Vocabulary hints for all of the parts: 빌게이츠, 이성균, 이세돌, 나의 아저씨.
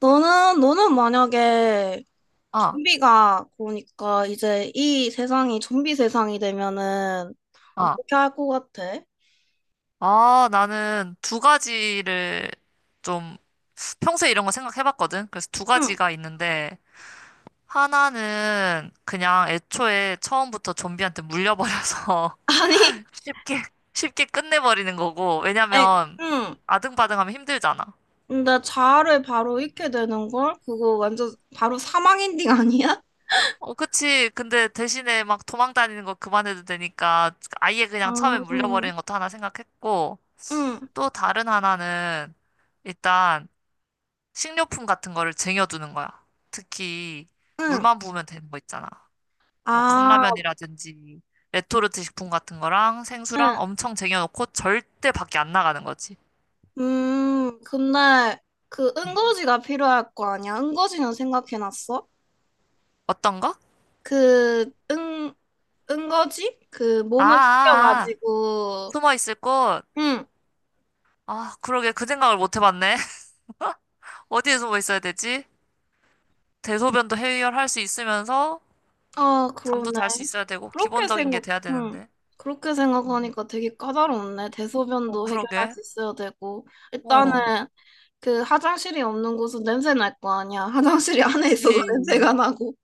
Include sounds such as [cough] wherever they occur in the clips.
너는 만약에 아, 좀비가 그러니까 이제 이 세상이 좀비 세상이 되면은 아, 어떻게 할 것 같아? 아, 나는 두 가지를 좀 평소에 이런 거 생각해봤거든. 그래서 두 응. [laughs] 가지가 있는데 하나는 그냥 애초에 처음부터 좀비한테 물려버려서 아니, [laughs] 쉽게 쉽게 끝내버리는 거고 아니, 왜냐면 응. 아등바등하면 힘들잖아. 근데 자아를 바로 잃게 되는 걸? 그거 완전 바로 사망 엔딩 아니야? 어, 그치. 근데 대신에 막 도망 다니는 거 그만해도 되니까 아예 그냥 처음에 아, 응 물려버리는 것도 하나 생각했고 응, 또 다른 하나는 일단 식료품 같은 거를 쟁여두는 거야. 특히 응. 물만 부으면 되는 거 있잖아. 뭐 아, 컵라면이라든지 레토르트 식품 같은 거랑 응. 생수랑 엄청 쟁여놓고 절대 밖에 안 나가는 거지. 근데 그 음. 응거지가 필요할 거 아니야? 응거지는 생각해놨어? 어떤 거? 그, 응, 은거지? 그 아, 몸을 아, 아. 숙여가지고. 숨어 있을 곳. 응. 아, 그러게 그 생각을 못 해봤네. [laughs] 어디에 숨어 있어야 되지? 대소변도 해결할 수 있으면서 아 잠도 그러네. 잘 수 있어야 되고 그렇게 기본적인 게 생각 돼야 응. 되는데. 그렇게 음. 생각하니까 되게 까다롭네. 어, 대소변도 해결할 그러게. 수 있어야 되고 일단은 어, 그 화장실이 없는 곳은 냄새 날 거 아니야. [laughs] 화장실이 안에 있어도 [laughs] 그치. 냄새가 나고.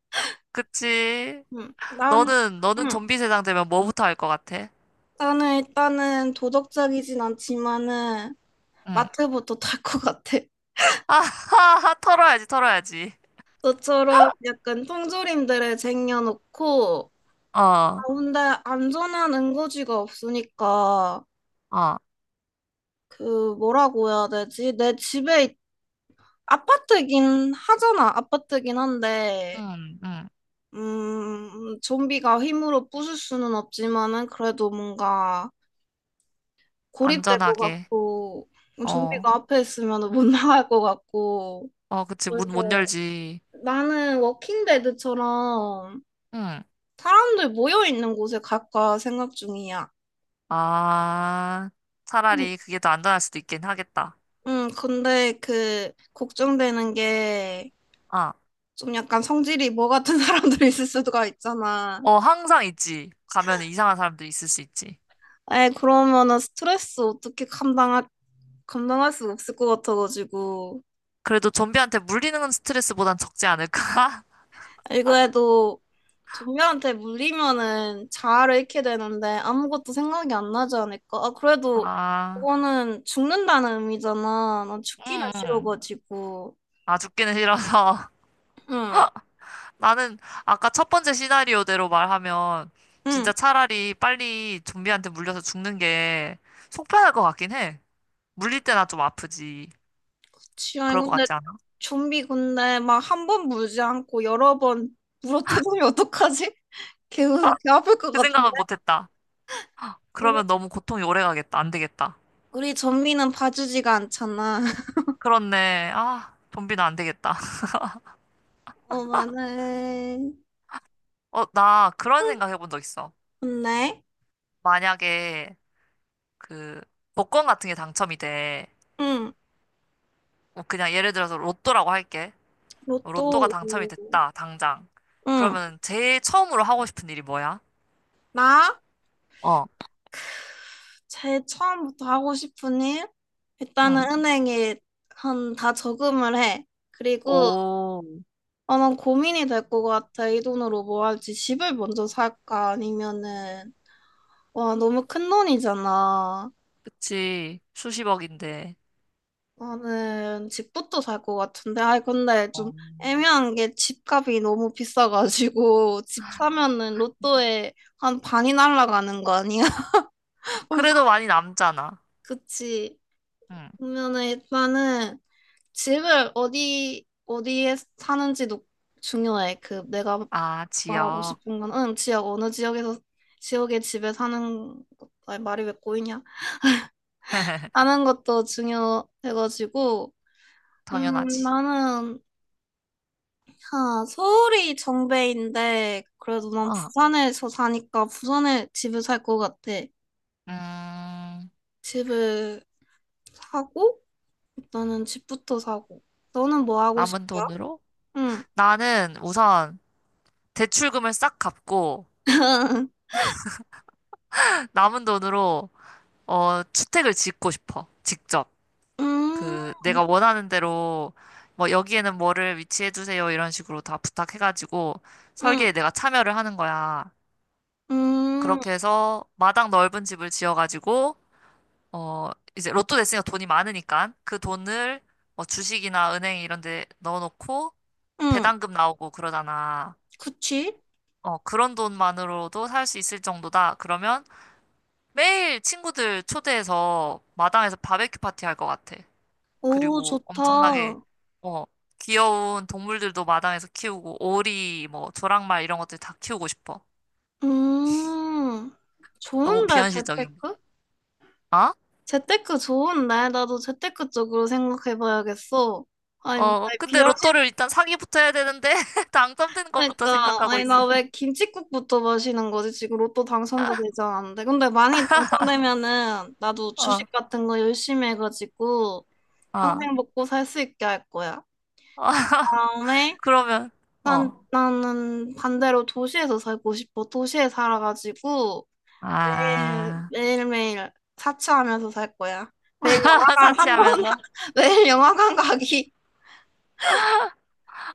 그치. 응. 난 너는, 너는 응. 좀비 세상 되면 뭐부터 할 것 같아? 나는 일단은 도덕적이진 않지만은 응. 마트부터 탈 것 같아. 아하하, 털어야지, 털어야지. 너처럼 약간 통조림들을 쟁여놓고, 어, 어, 근데 안전한 응고지가 없으니까 어, 그 뭐라고 해야 되지? 아파트긴 하잖아. 아파트긴 한데 응, 응. 좀비가 힘으로 부술 수는 없지만은 그래도 뭔가 고립될 것 안전하게. 같고, 어, 좀비가 앞에 있으면 못 [laughs] 나갈 것 같고. 어, 그치, 문 못 그래서 열지. 나는 워킹데드처럼 응. 사람들 모여 있는 곳에 갈까 생각 중이야. 아, 응, 차라리 그게 더 안전할 수도 있긴 하겠다. 응, 근데 그 걱정되는 게 아, 좀 약간 성질이 뭐 같은 [laughs] 사람들이 있을 수가 있잖아. 어, 항상 있지. 가면 이상한 사람들 있을 수 있지. 에, 그러면은 스트레스 어떻게 감당할, 수 없을 것 같아가지고. 그래도 좀비한테 물리는 건 스트레스보단 적지 않을까? 아, 이거 해도 좀비한테 물리면은 자아를 잃게 되는데 아무것도 생각이 안 나지 않을까? 아, [laughs] 그래도 아, 그거는 죽는다는 의미잖아. 난 죽기는 응, 응. 싫어가지고. 아, 죽기는 싫어서. 응, 나는 아까 첫 번째 시나리오대로 말하면 진짜 응. 차라리 빨리 좀비한테 물려서 죽는 게 속편할 것 같긴 해. 물릴 때나 좀 아프지. 그치. 아니, 그럴 것 근데 같지 않아? 좀비 근데 막 한 번 물지 않고 여러 번 물어뜯으면 어떡하지? [laughs] 개, 개 아플 것 그 같아. 생각은 못 했다. 우리 그러면 너무 고통이 오래 가겠다. 안 되겠다. 우리 전미는 봐주지가 않잖아. [laughs] 그렇네. 아, 좀비는 안 되겠다. [laughs] 어머네. 어, 나 그런 응, 생각 해본 적 있어. 좋네. 만약에 그 복권 같은 게 당첨이 돼. 응, 뭐 그냥 예를 들어서 로또라고 할게. 뭐, 로또가 로또. 당첨이 오. 됐다. 당장. 응, 그러면 제일 처음으로 하고 싶은 일이 뭐야? 나 어 제일 처음부터 하고 싶은 일, 일단은 응. 은행에 한 다 저금을 해. 그리고, 오, 어, 난 고민이 될 것 같아. 이 돈으로 뭐 할지, 집을 먼저 살까 아니면은, 와, 너무 큰 돈이잖아. 그치. 수십억인데. 나는 집부터 살 것 같은데, 아이, 근데 좀 어. 애매한 게 집값이 너무 비싸가지고, [laughs] 집 사면은 로또에 한 반이 날아가는 거 아니야? [laughs] 벌써, 그래도 많이 남잖아. 그치. 응. 그러면은 일단은 집을 어디에 사는지도 중요해. 그 내가 아, 말하고 지역. 싶은 건, 응, 지역, 어느 지역에서, 지역의 집에 사는 것, 아니, 말이 왜 꼬이냐? [laughs] 사는 것도 중요해가지고, 당연하지. 나는, 아, 서울이 정배인데, 그래도 난 어. 부산에서 사니까 부산에 집을 살 것 같아. 음, 집을 사고, 일단은 집부터 사고. 너는 뭐 하고 싶어? 남은 돈으로? 응. 나는 우선 대출금을 싹 갚고 [laughs] [laughs] 남은 돈으로 어, 주택을 짓고 싶어. 직접. 음, 그 내가 원하는 대로 뭐 여기에는 뭐를 위치해 주세요 이런 식으로 다 부탁해가지고 응, 설계에 내가 참여를 하는 거야. 음, 그렇게 해서 마당 넓은 집을 지어가지고 어 이제 로또 됐으니까 돈이 많으니까 그 돈을 뭐 주식이나 은행 이런 데 넣어놓고 응. 배당금 나오고 그러잖아. 그치? 어 그런 돈만으로도 살 수 있을 정도다. 그러면 매일 친구들 초대해서 마당에서 바베큐 파티 할 것 같아. 오, 그리고 엄청나게 좋다. 어 귀여운 동물들도 마당에서 키우고 오리 뭐 조랑말 이런 것들 다 키우고 싶어. 음, 너무 좋은데, 비현실적인. 재테크? 어? 재테크 좋은데? 나도 재테크 쪽으로 생각해봐야겠어. 아니, 어, 아니, 근데 비현실 로또를 일단 사기부터 해야 되는데, [laughs] 당첨되는 것부터 그러니까, 생각하고 아니, 있어. 나 왜 김칫국부터 마시는 거지? 지금 로또 당첨도 되지 않았는데. 근데 많이 당첨되면은 나도 어, 주식 같은 거 열심히 해가지고 어, 평생 먹고 살 수 있게 할 거야. 어, 다음에, [laughs] 그러면, 난 어, 나는 반대로 도시에서 살고 싶어. 도시에 살아가지고 매일 아, 매일매일 사치하면서 살 거야. 매일 [laughs] 영화관 한 번, 사치하면서. [laughs] 매일 영화관 가기.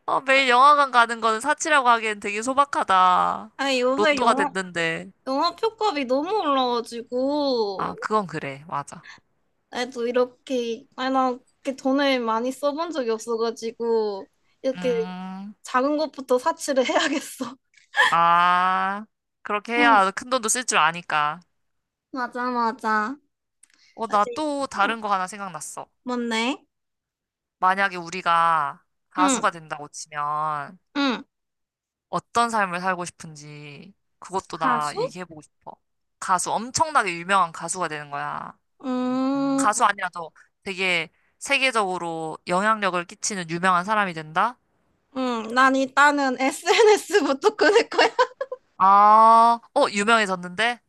어, 매일 영화관 가는 거는 사치라고 하기엔 되게 소박하다. 아니 요새 로또가 영화 됐는데. 영화 표값이 너무 아, 올라가지고. 그건 그래. 맞아. 나도 이렇게, 아니, 나 이렇게 돈을 많이 써본 적이 없어가지고 이렇게 음, 작은 것부터 사치를 [laughs] 해야겠어. 아, 그렇게 응. 해야 큰 돈도 쓸 줄 아니까. 맞아 맞아. 어, 나 사실, 또 응. 다른 거 하나 생각났어. 뭔데? 만약에 우리가 응. 가수가 된다고 치면, 응. 어떤 삶을 살고 싶은지 그것도 나 가수? 얘기해보고 싶어. 가수, 엄청나게 유명한 가수가 되는 거야. 음. 가수 아니라도 되게 세계적으로 영향력을 끼치는 유명한 사람이 된다? 응, 난 일단은 SNS부터 끊을 거야. 아, 어, 유명해졌는데?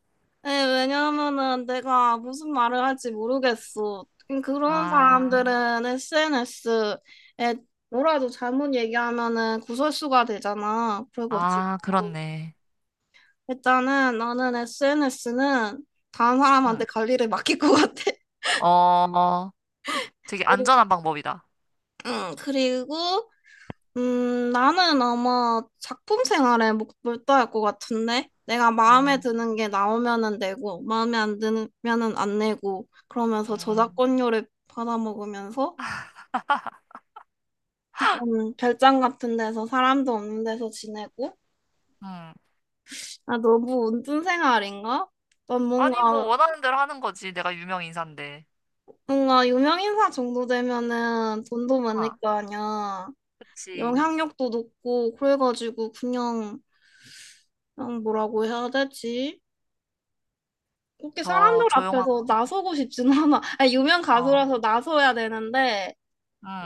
네, 왜냐면은 내가 무슨 말을 할지 모르겠어. 그런 아, 사람들은 SNS에 뭐라도 잘못 얘기하면은 구설수가 되잖아. 그래가지고 아, 그렇네. 일단은 나는 SNS는 다른 응. 사람한테 관리를 맡길 것 같아. 어, 되게 [laughs] 안전한 방법이다. 응, 그리고, 나는 아마 작품 생활에 몰두할 것 같은데? 내가 마음에 음, 드는 게 나오면은 내고, 마음에 안 드면은 안 내고, 그러면서 음, 저작권료를 받아먹으면서, 별장 같은 데서, 사람도 없는 데서 지내고. 음. 아, 너무 운둔 생활인가? 난 아니, 뭐, 뭔가, 원하는 대로 하는 거지. 내가 유명 인사인데. 뭔가 유명인사 정도 되면은 돈도 많을 아, 거 아니야. 그치. 영향력도 높고, 그래가지고 그냥 뭐라고 해야 되지? 그렇게 더 사람들 조용한 앞에서 곳에서. 나서고 싶진 않아. 아니, 유명 어, 가수라서 나서야 되는데,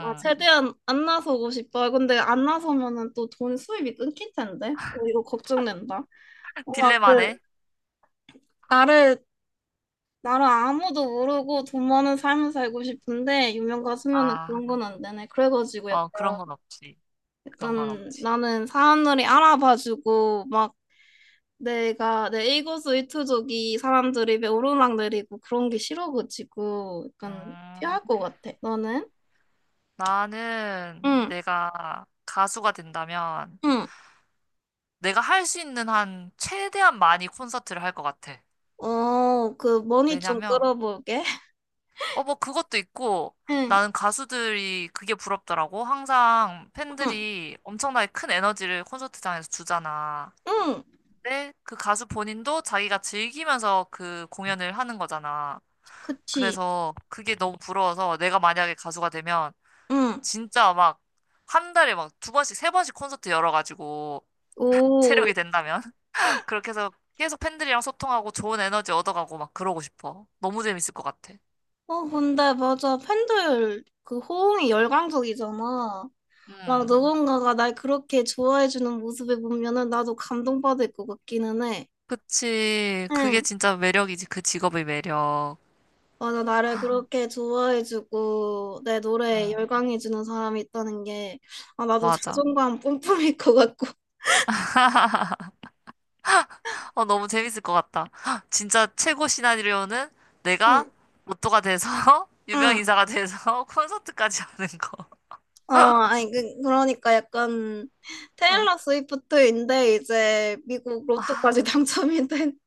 막 최대한 안 나서고 싶어. 근데 안 나서면은 또 돈 수입이 끊길 텐데. 어, 이거 걱정된다. [laughs] 뭔가 그, 딜레마네. 나를, 나를 아무도 모르고 돈 많은 삶을 살고 싶은데, 유명 가수면은 아, 그런 건 안 되네. 그래가지고 약- 어, 그런 건 없지. 그런 건 약간 없지. 나는 사람들이 알아봐주고, 막 내가, 내 일거수 일투족이 사람들이 왜 오르락내리고 그런 게 싫어가지고 약간 음, 피할 것 같아. 너는? 나는 응, 내가 가수가 된다면 응. 내가 할 수 있는 한 최대한 많이 콘서트를 할 것 같아. 어, 그 머니 좀 왜냐면, 끌어볼게. [laughs] 어, 뭐 그것도 있고 응, 나는 가수들이 그게 부럽더라고. 항상 응, 팬들이 엄청나게 큰 에너지를 콘서트장에서 주잖아. 응. 근데 그 가수 본인도 자기가 즐기면서 그 공연을 하는 거잖아. 그치. 그래서 그게 너무 부러워서 내가 만약에 가수가 되면 응. 진짜 막 한 달에 막 2번씩, 3번씩 콘서트 열어가지고 체력이 오. 된다면 [laughs] 그렇게 해서 계속 팬들이랑 소통하고 좋은 에너지 얻어가고 막 그러고 싶어. 너무 재밌을 것 같아. 어, 근데 맞아. 팬들 그 호응이 열광적이잖아. 막 음. 누군가가 날 그렇게 좋아해주는 모습을 보면은 나도 감동받을 것 같기는 해. 그치. 그게 응. 진짜 매력이지. 그 직업의 매력. 맞아, 나를 그렇게 좋아해주고 내 노래에 음. 열광해주는 사람이 있다는 게. 아, 나도 맞아. 자존감 뿜뿜일 것 같고. 어, 너무 재밌을 것 같다. 헉, 진짜 최고 시나리오는 내가 응, 로또가 돼서 [laughs] 유명 응. 인사가 돼서 [laughs] 콘서트까지 하는 거. 어, 아니, 그, 그러니까 약간 어. 테일러 스위프트인데 이제 미국 아, 로또까지 [laughs] 당첨이 된.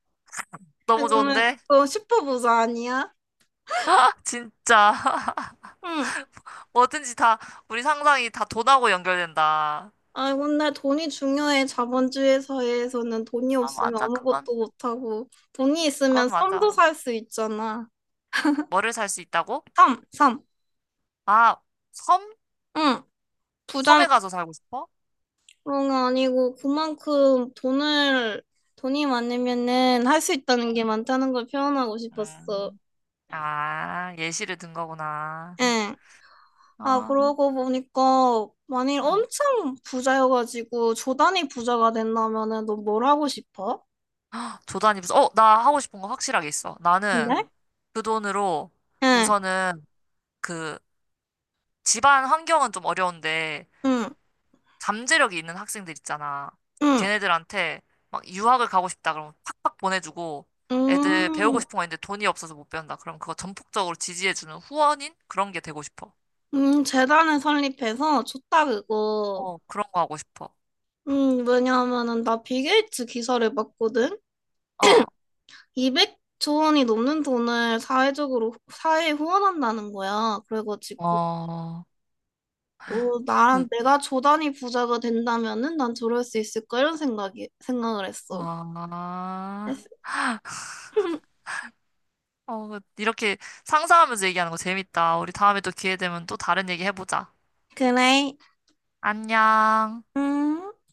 아, 너무 그러면 좋은데? 또 슈퍼부자 아니야? [laughs] 진짜. 응. 뭐든지 다 우리 상상이 다 돈하고 연결된다. 아, 근데 돈이 중요해. 자본주의 사회에서는 돈이 아, 없으면 맞아. 그건 아무것도 못하고, 돈이 있으면 그건 섬도 맞아. 살 수 있잖아. 뭐를 살 수 있다고? 섬, 섬. 아, 섬? 응. 부자는 섬에 가서 살고 싶어? 그런 게 아니고 그만큼 돈을 돈이 많으면은 할 수 있다는 게 많다는 걸 표현하고 싶었어. 음. 아, 예시를 든 거구나. 응. 아, 아, 그러고 보니까, 만일 응. 엄청 부자여가지고 조단이 부자가 된다면은 너 뭘 하고 싶어? 조단이 무슨 어, 나 하고 싶은 거 확실하게 있어. 나는 근데? 그 돈으로 음. 우선은 그 집안 환경은 좀 어려운데 응, 잠재력이 있는 학생들 있잖아. 응, 걔네들한테 막 유학을 가고 싶다 그러면 팍팍 보내주고 응. 애들 배우고 싶은 거 있는데 돈이 없어서 못 배운다. 그럼 그거 전폭적으로 지지해주는 후원인? 그런 게 되고 싶어. 재단을 설립해서, 좋다 그거. 어, 그런 거 하고 싶어. 왜냐하면은 나 빌게이츠 기사를 봤거든. 어, 200조 원이 넘는 돈을 사회적으로, 사회에 후원한다는 거야. 그래가지고, 어, 어, 나, 그, 내가 조단위 부자가 된다면은 난 저럴 수 있을까? 이런 생각을 했어. 아, 그래서 [laughs] 어, 이렇게 상상하면서 얘기하는 거 재밌다. 우리 다음에 또 기회 되면 또 다른 얘기 해보자. 그래. 안녕. 음.